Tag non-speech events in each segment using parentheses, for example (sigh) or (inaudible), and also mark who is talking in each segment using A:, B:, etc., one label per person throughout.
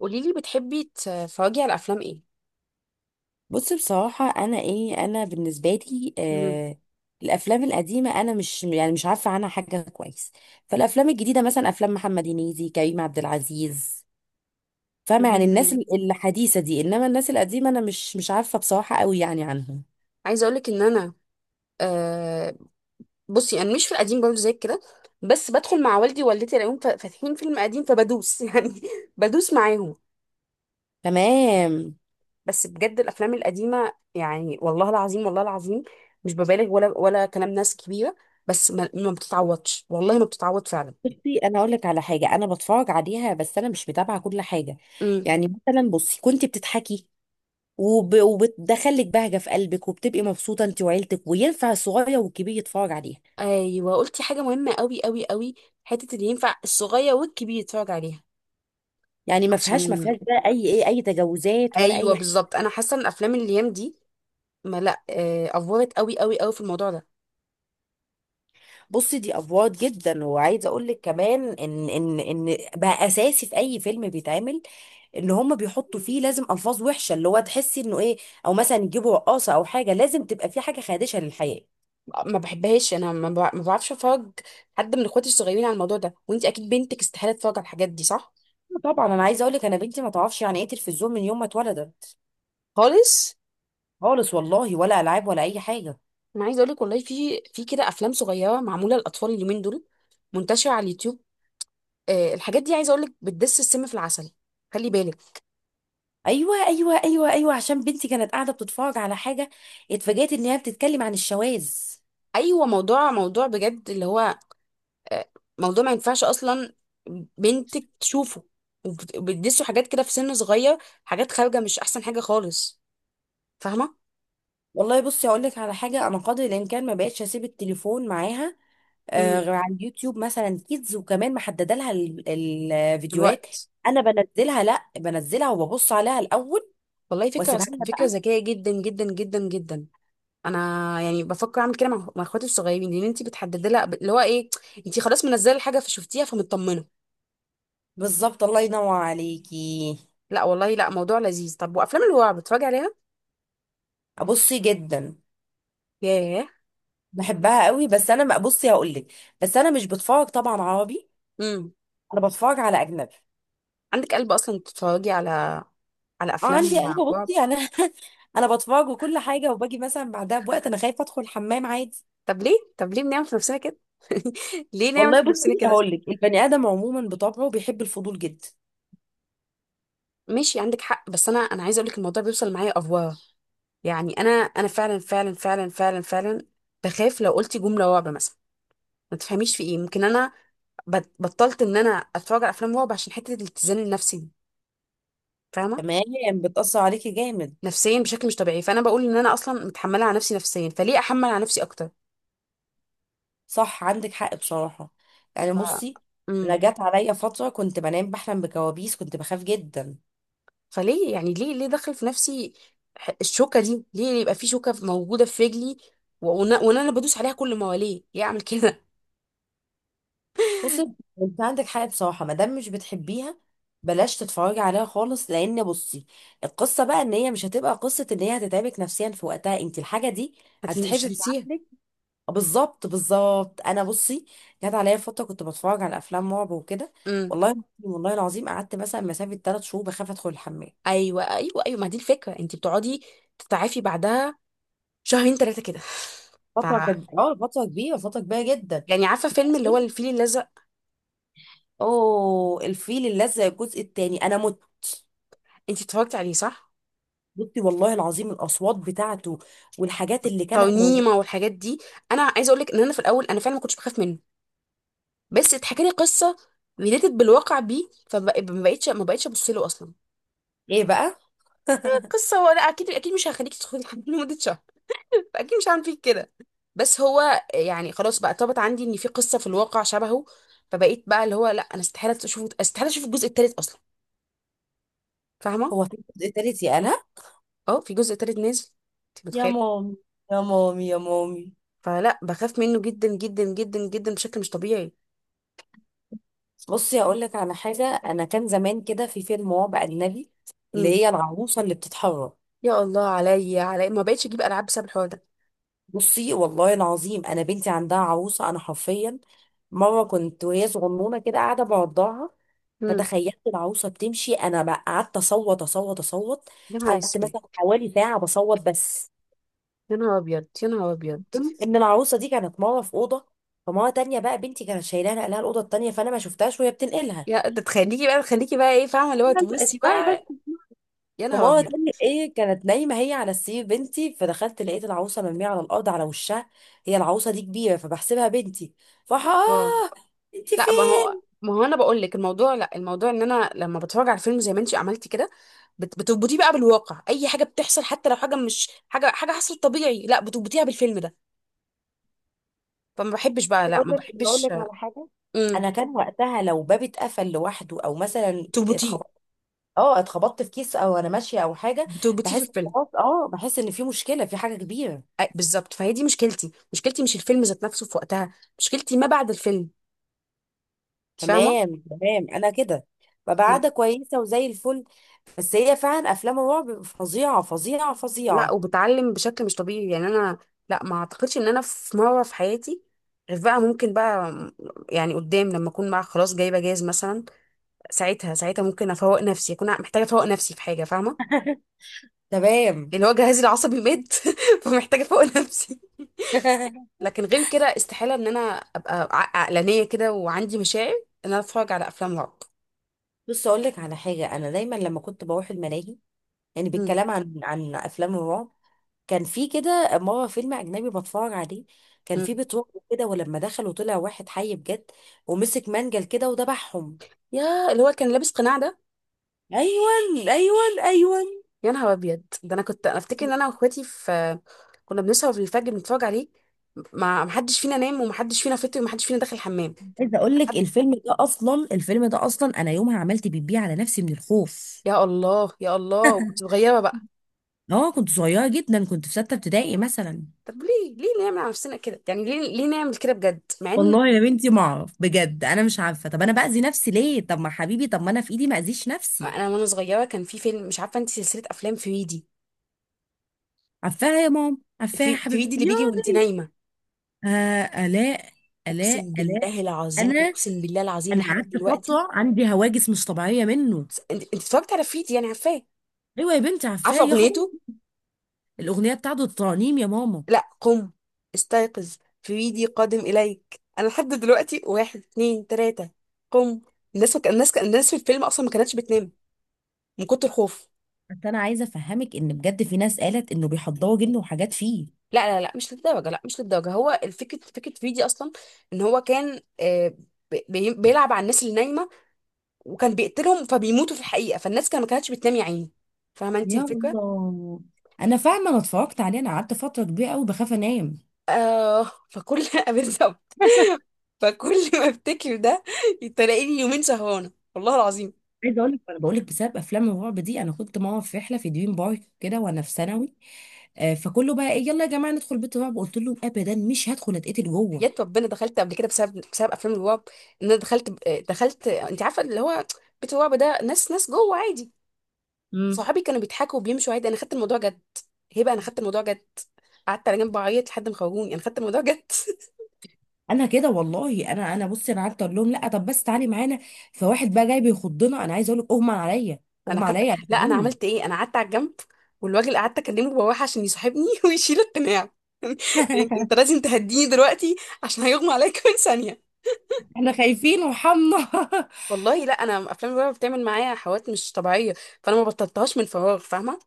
A: قولي لي، بتحبي تتفرجي على افلام ايه؟
B: بص، بصراحة أنا بالنسبة لي،
A: مم.
B: الأفلام القديمة أنا مش عارفة عنها حاجة كويس. فالأفلام الجديدة مثلا أفلام محمد هنيدي، كريم عبد العزيز، فاهمة؟ يعني الناس
A: مم.
B: الحديثة دي، إنما الناس القديمة أنا مش عارفة بصراحة قوي يعني عنهم.
A: عايزه اقول لك ان انا، آه بصي انا مش في القديم برضه زي كده. بس بدخل مع والدي ووالدتي الاقيهم فاتحين فيلم قديم فبدوس (laughs) يعني. بدوس معاهم.
B: تمام.
A: بس بجد الافلام القديمه، يعني والله العظيم، والله العظيم مش ببالغ ولا كلام ناس كبيره. بس ما بتتعوضش، والله ما بتتعوض فعلا.
B: بصي، أنا أقول لك على حاجة أنا بتفرج عليها، بس أنا مش متابعة كل حاجة.
A: امم.
B: يعني مثلا، بصي كنت بتضحكي وبتدخلك بهجة في قلبك، وبتبقي مبسوطة أنت وعيلتك، وينفع الصغير والكبير يتفرج عليها.
A: ايوه، قلتي حاجه مهمه قوي قوي قوي. حته اللي ينفع الصغير والكبير يتفرج عليها.
B: يعني ما فيهاش ما
A: عشان
B: فيهاش بقى اي تجاوزات ولا
A: ايوه
B: اي حاجه.
A: بالظبط، انا حاسه ان الافلام الايام دي، ما لا افورت قوي قوي قوي في الموضوع ده.
B: بصي دي افوار جدا، وعايزه اقول لك كمان ان بقى اساسي في اي فيلم بيتعمل، ان هم بيحطوا فيه لازم الفاظ وحشه اللي هو تحسي انه ايه، او مثلا يجيبوا رقاصه او حاجه، لازم تبقى في حاجه خادشه للحياه.
A: ما بحبهاش انا، ما بعرفش افرج حد من اخواتي الصغيرين على الموضوع ده. وانت اكيد بنتك استحاله تتفرج على الحاجات دي، صح؟
B: طبعا، انا عايزه اقول لك، انا بنتي ما تعرفش يعني ايه تلفزيون من يوم ما اتولدت
A: خالص.
B: خالص. والله، ولا العاب ولا اي حاجه.
A: انا عايزه اقول لك والله في كده افلام صغيره معموله للاطفال اليومين دول منتشره على اليوتيوب. الحاجات دي عايزه اقول لك بتدس السم في العسل. خلي بالك.
B: ايوه، ايوه، ايوه، ايوه، عشان بنتي كانت قاعده بتتفرج على حاجه، اتفاجئت ان هي بتتكلم عن الشواذ.
A: ايوه، موضوع بجد اللي هو، آه، موضوع ما ينفعش اصلا بنتك تشوفه. وبتدسوا حاجات كده في سن صغير، حاجات خارجه مش احسن حاجه خالص. فاهمه؟
B: والله بصي هقول لك على حاجه، انا قدر الامكان ما بقتش اسيب التليفون معاها،
A: امم.
B: غير على اليوتيوب مثلا كيدز، وكمان محدده لها الفيديوهات.
A: الوقت.
B: انا بنزلها، لا، بنزلها وببص عليها الاول،
A: والله فكره.
B: واسيبها لها
A: فكره
B: بقى.
A: ذكيه جدا جدا جدا جدا. انا يعني بفكر اعمل كده مع اخواتي الصغيرين، لان انت بتحددي لها اللي هو ايه. انت خلاص منزله الحاجه فشفتيها فمطمنه.
B: بالظبط، الله ينور عليكي.
A: لا والله، لا موضوع لذيذ. طب، وافلام الرعب بتتفرجي عليها؟
B: ابصي جدا،
A: ياه.
B: بحبها قوي، بس انا ما بصي هقول لك، بس انا مش بتفرج طبعا عربي،
A: امم.
B: انا بتفرج على اجنبي.
A: عندك قلب اصلا تتفرجي على، على
B: اه، عندي،
A: افلام
B: انا
A: رعب؟
B: بصي انا (laughs) انا بتفرج وكل حاجه، وباجي مثلا بعدها بوقت انا خايفه ادخل الحمام عادي.
A: طب ليه؟ طب ليه بنعمل في نفسنا كده؟ (laughs) ليه نعمل
B: والله
A: في نفسنا
B: بصي
A: كده؟
B: هقول لك، البني ادم عموما بطبعه بيحب الفضول جدا.
A: ماشي، عندك حق. بس انا، عايزه اقول لك الموضوع بيوصل معايا افواه. يعني انا، فعلا فعلا فعلا فعلا فعلا بخاف لو قلت جمله رعب مثلا ما تفهميش في ايه. ممكن انا بطلت ان انا اتفرج على افلام رعب عشان حته الاتزان النفسي دي. فاهمه؟
B: تمام. بتاثر عليكي جامد.
A: نفسيا بشكل مش طبيعي. فانا بقول ان انا اصلا متحمله على نفسي نفسيا، فليه احمل على نفسي اكتر؟
B: صح، عندك حق بصراحه. يعني بصي،
A: ف...
B: انا جت عليا فتره كنت بنام بحلم بكوابيس، كنت بخاف جدا.
A: فليه يعني، ليه دخل في نفسي الشوكة دي؟ ليه يبقى في شوكة موجودة في رجلي و- وانا وأنا أنا بدوس عليها كل ما؟ وليه اعمل كده؟
B: بصي، انت عندك حق بصراحه، ما دام مش بتحبيها بلاش تتفرجي عليها خالص، لان بصي، القصه بقى ان هي مش هتبقى قصه، ان هي هتتعبك نفسيا في وقتها انت الحاجه دي،
A: (laughs) مش
B: هتتحفي في
A: هنسيها.
B: عقلك. بالظبط، بالظبط. انا بصي، جت عليا فتره كنت بتفرج على افلام رعب وكده،
A: امم.
B: والله، والله العظيم، قعدت مثلا مسافه 3 شهور بخاف ادخل الحمام.
A: ايوه ايوه ايوه، ما دي الفكرة. انت بتقعدي تتعافي بعدها شهرين ثلاثة كده. (laughs) ف
B: فتره كانت، فتره كبيره، فتره كبيره جدا.
A: يعني عارفة فيلم اللي هو الفيل الأزرق؟
B: اوه، الفيل الازرق الجزء الثاني، انا مت.
A: انت اتفرجت عليه صح؟
B: بصي والله العظيم، الاصوات بتاعته، والحاجات اللي كانت موجوده.
A: ترنيمة والحاجات دي. انا عايزة اقول لك ان انا في الاول انا فعلا ما كنتش بخاف منه، بس اتحكى لي قصة ريليتد بالواقع بيه، فما بقتش ما بقتش ابص له اصلا.
B: ايه بقى؟
A: قصة هو؟ لا، أكيد أكيد مش هخليك تدخلي الحمام (laughs) لمدة شهر، أكيد مش هعمل فيك كده. بس هو يعني خلاص بقى، طابت عندي إن في قصة في الواقع شبهه. فبقيت بقى اللي هو لا، أنا استحالة أشوف استحالة أشوف الجزء التالت أصلا. فاهمة؟
B: هو في الجزء الثالث؟ يا انا،
A: أه، في جزء تالت نازل. أنت
B: يا
A: متخيلة؟
B: مامي، يا مامي، يا مامي.
A: فلا، بخاف منه جدا جدا جدا جدا بشكل مش طبيعي.
B: بصي هقول لك على حاجه، انا كان زمان كده في فيلم رعب اجنبي، اللي
A: امم.
B: هي العروسه اللي بتتحرك.
A: يا الله، عليا، ما بقتش أجيب ألعاب بسبب الحوار ده.
B: بصي والله العظيم، انا بنتي عندها عروسه، انا حرفيا مره كنت وهي صغنونه كده قاعده بعضها،
A: امم.
B: فتخيلت العروسه بتمشي، انا بقى قعدت اصوت، اصوت، اصوت.
A: يا نهار
B: قعدت
A: أسود.
B: مثلا حوالي ساعه بصوت بس.
A: يا نهار أبيض، يا نهار أبيض.
B: المهم ان العروسه دي كانت مره في اوضه، فمره تانية بقى بنتي كانت شايلاها نقلها الاوضه التانية، فانا ما شفتهاش وهي بتنقلها.
A: يا ده تخليكي بقى، تخليكي بقى إيه، فاهمة اللي هو
B: (laughs)
A: تبصي
B: اسمعي
A: بقى.
B: بس.
A: يا نهار
B: فماما
A: أبيض.
B: بتعمل ايه، كانت نايمه هي على السرير بنتي، فدخلت لقيت العروسه مرميه على الارض على وشها، هي العروسه دي كبيره، فبحسبها بنتي، فراح، اه،
A: اه،
B: انت
A: لا ما
B: فين؟
A: هو ما هو انا بقول لك الموضوع، لا الموضوع ان انا لما بتفرج على فيلم زي ما انت عملتي كده، بتربطيه بقى بالواقع. اي حاجه بتحصل حتى لو حاجه مش حاجه، حصلت طبيعي لا بتربطيها بالفيلم ده. فما بحبش بقى، لا
B: اقول
A: ما
B: لك اقول
A: بحبش.
B: لك على حاجه،
A: امم.
B: انا كان وقتها لو باب اتقفل لوحده، او مثلا
A: بتربطيه،
B: اتخبطت، اه، اتخبطت في كيس، او انا ماشيه او حاجه،
A: بتربطيه في
B: بحس،
A: الفيلم.
B: خلاص، بحس ان في مشكله في حاجه كبيره.
A: أي بالظبط، فهي دي مشكلتي. مشكلتي مش الفيلم ذات نفسه في وقتها، مشكلتي ما بعد الفيلم. انت فاهمه؟
B: تمام، تمام. انا كده ببقى
A: انا،
B: قاعده كويسه وزي الفل. بس هي فعلا افلام الرعب فظيعه، فظيعه،
A: لا،
B: فظيعه.
A: وبتعلم بشكل مش طبيعي يعني. انا لا ما اعتقدش ان انا في مره في حياتي، غير بقى ممكن بقى، يعني قدام لما اكون بقى خلاص جايبه جاز مثلا. ساعتها ساعتها ممكن افوق نفسي، اكون محتاجه افوق نفسي في حاجه، فاهمه؟
B: (laughs) تمام.
A: لان هو جهازي العصبي مات (laughs) فمحتاجه افوق نفسي.
B: (laughs)
A: لكن غير كده استحاله ان انا ابقى عقلانيه كده وعندي مشاعر ان انا اتفرج على افلام رعب.
B: بص اقول لك على حاجه، انا دايما لما كنت بروح الملاهي، يعني
A: مم.
B: بالكلام عن افلام الرعب، كان في كده مره فيلم اجنبي بتفرج عليه، كان
A: مم.
B: في بيت رعب كده، ولما دخلوا طلع واحد حي بجد، ومسك منجل كده وذبحهم.
A: يا، اللي هو كان لابس قناع ده؟
B: ايوه، ايوه، ايوه.
A: يا نهار ابيض، ده انا كنت انا افتكر ان انا واخواتي في، كنا بنسهر في الفجر بنتفرج عليه. ما محدش فينا نام ومحدش فينا فطر ومحدش فينا داخل الحمام.
B: عايزه اقول لك
A: حد.
B: الفيلم ده اصلا، الفيلم ده اصلا، انا يومها عملت بيبي على نفسي من الخوف.
A: يا الله، يا الله، وكنت صغيره بقى.
B: اه، كنت صغيره جدا، كنت في 6 ابتدائي مثلا.
A: طب ليه؟ ليه نعمل على نفسنا كده يعني؟ ليه نعمل كده بجد، مع ان
B: والله يا بنتي ما اعرف بجد، انا مش عارفه، طب انا باذي نفسي ليه؟ طب ما حبيبي، طب ما انا في ايدي ما اذيش نفسي.
A: انا وانا صغيره كان في فيلم. مش عارفه انت سلسله افلام فريدي.
B: عفاها يا ماما، عفاها يا
A: في
B: حبيبتي
A: فريدي اللي بيجي وانت
B: ياضي.
A: نايمه.
B: آه، الاء، الاء،
A: اقسم
B: الاء.
A: بالله العظيم،
B: انا
A: اقسم بالله العظيم
B: انا
A: لحد
B: قعدت
A: دلوقتي.
B: فتره عندي هواجس مش طبيعيه منه.
A: انت اتفرجت على فريدي، يعني عارفاه؟
B: ايوه يا بنتي، عفاه
A: عارفه
B: يا خبر.
A: اغنيته؟
B: الاغنيه بتاعته، الترانيم يا ماما.
A: لا قم، استيقظ، فريدي قادم اليك. انا لحد دلوقتي، واحد اتنين تلاته، قم. الناس الناس، في الفيلم اصلا ما كانتش بتنام من كتر الخوف.
B: بس انا عايزه افهمك ان بجد في ناس قالت انه بيحضروا جن وحاجات فيه.
A: لا لا لا، مش للدرجه، هو الفكره، فكره فريدي اصلا، ان هو كان، بيلعب على الناس اللي نايمه وكان بيقتلهم فبيموتوا في الحقيقة. فالناس كان ما كانتش بتنام يا عيني. فاهمة انت
B: يا
A: الفكرة؟
B: الله. انا فاهمه، انا اتفرجت عليه، انا قعدت فتره كبيره قوي بخاف انام.
A: فكل (laughs) بالظبط، فكل ما افتكر ده تلاقيني يومين سهرانة والله العظيم.
B: عايزه اقول لك، انا بقول لك بسبب افلام الرعب دي، انا كنت ماما في رحله في دريم بارك كده وانا في ثانوي. فكله بقى ايه، يلا يا جماعه ندخل بيت رعب، قلت لهم ابدا، مش هدخل اتقتل جوه.
A: يا ربنا، دخلت قبل كده بسبب، افلام الرعب. ان انا دخلت انت عارفة اللي هو بيت الرعب ده، ناس، جوه عادي.
B: امم
A: صحابي كانوا بيضحكوا وبيمشوا عادي، انا خدت الموضوع جد. هبه، انا خدت الموضوع جد، قعدت على جنب اعيط لحد ما خرجوني. انا خدت الموضوع جد.
B: انا كده والله، انا بصي انا قعدت اقول لهم لا، طب بس تعالي معانا، فواحد بقى جاي بيخضنا، انا عايزه اقول لك، اغمى عليا،
A: انا
B: اغمى
A: خدت
B: عليا،
A: لا، انا
B: اعتبروني.
A: عملت ايه، انا قعدت على الجنب والراجل قعدت اكلمه بواح عشان يصاحبني (laughs) ويشيل القناع. (laughs) انت، أنت
B: (laughs)
A: لازم تهديني دلوقتي عشان هيغمى عليا كمان ثانيه.
B: احنا خايفين وحمنا. (laughs)
A: والله لا، انا افلام الرعب بتعمل معايا حوادث مش طبيعيه، فانا ما بطلتهاش من فراغ. فاهمه؟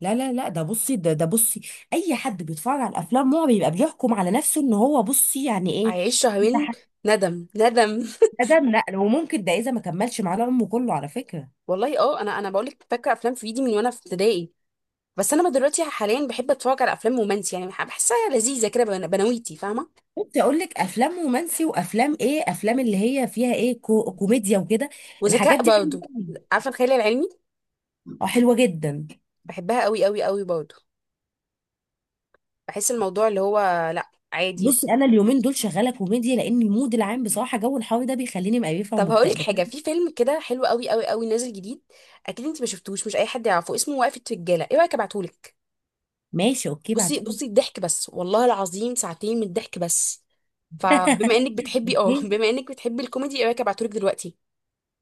B: لا، لا، لا. ده بصي، ده بصي، اي حد بيتفرج على الافلام هو بيبقى بيحكم على نفسه ان هو بصي يعني ايه،
A: عايش شهرين. ندم ندم.
B: ده نقل، وممكن ده اذا ما كملش معانا عمره كله على
A: (laughs)
B: فكره.
A: والله اه، انا، بقول لك فاكره افلام في ايدي من وانا في ابتدائي. بس انا دلوقتي حاليا بحب اتفرج على افلام رومانسي، يعني بحسها لذيذه كده. بنويتي، فاهمه؟
B: كنت اقول لك افلام رومانسي، وافلام ايه، افلام اللي هي فيها ايه، كوميديا وكده. الحاجات
A: وذكاء
B: دي حلوه
A: برضه.
B: قوي.
A: عارفه الخيال العلمي؟
B: اه، حلوه جدا.
A: بحبها قوي قوي قوي برضه. بحس الموضوع اللي هو، لا عادي.
B: بصي، انا اليومين دول شغاله كوميديا، لان المود العام بصراحه، جو الحر ده بيخليني مقرفه
A: طب هقولك
B: ومكتئبه.
A: حاجه، في فيلم كده حلو قوي قوي قوي نازل جديد. اكيد انت ما شفتوش، مش اي حد يعرفه. اسمه وقفه رجاله. ايه رايك ابعتهولك؟
B: ماشي، اوكي،
A: بصي
B: بعتهولي.
A: بصي، الضحك بس والله العظيم، ساعتين من الضحك بس. فبما انك بتحبي، (laughs)
B: اوكي،
A: بما انك بتحبي الكوميدي، ايه رايك ابعتهولك دلوقتي؟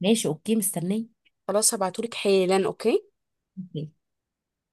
B: ماشي، اوكي، مستنيه.
A: خلاص، هبعتهولك حالا، اوكي.
B: اوكي.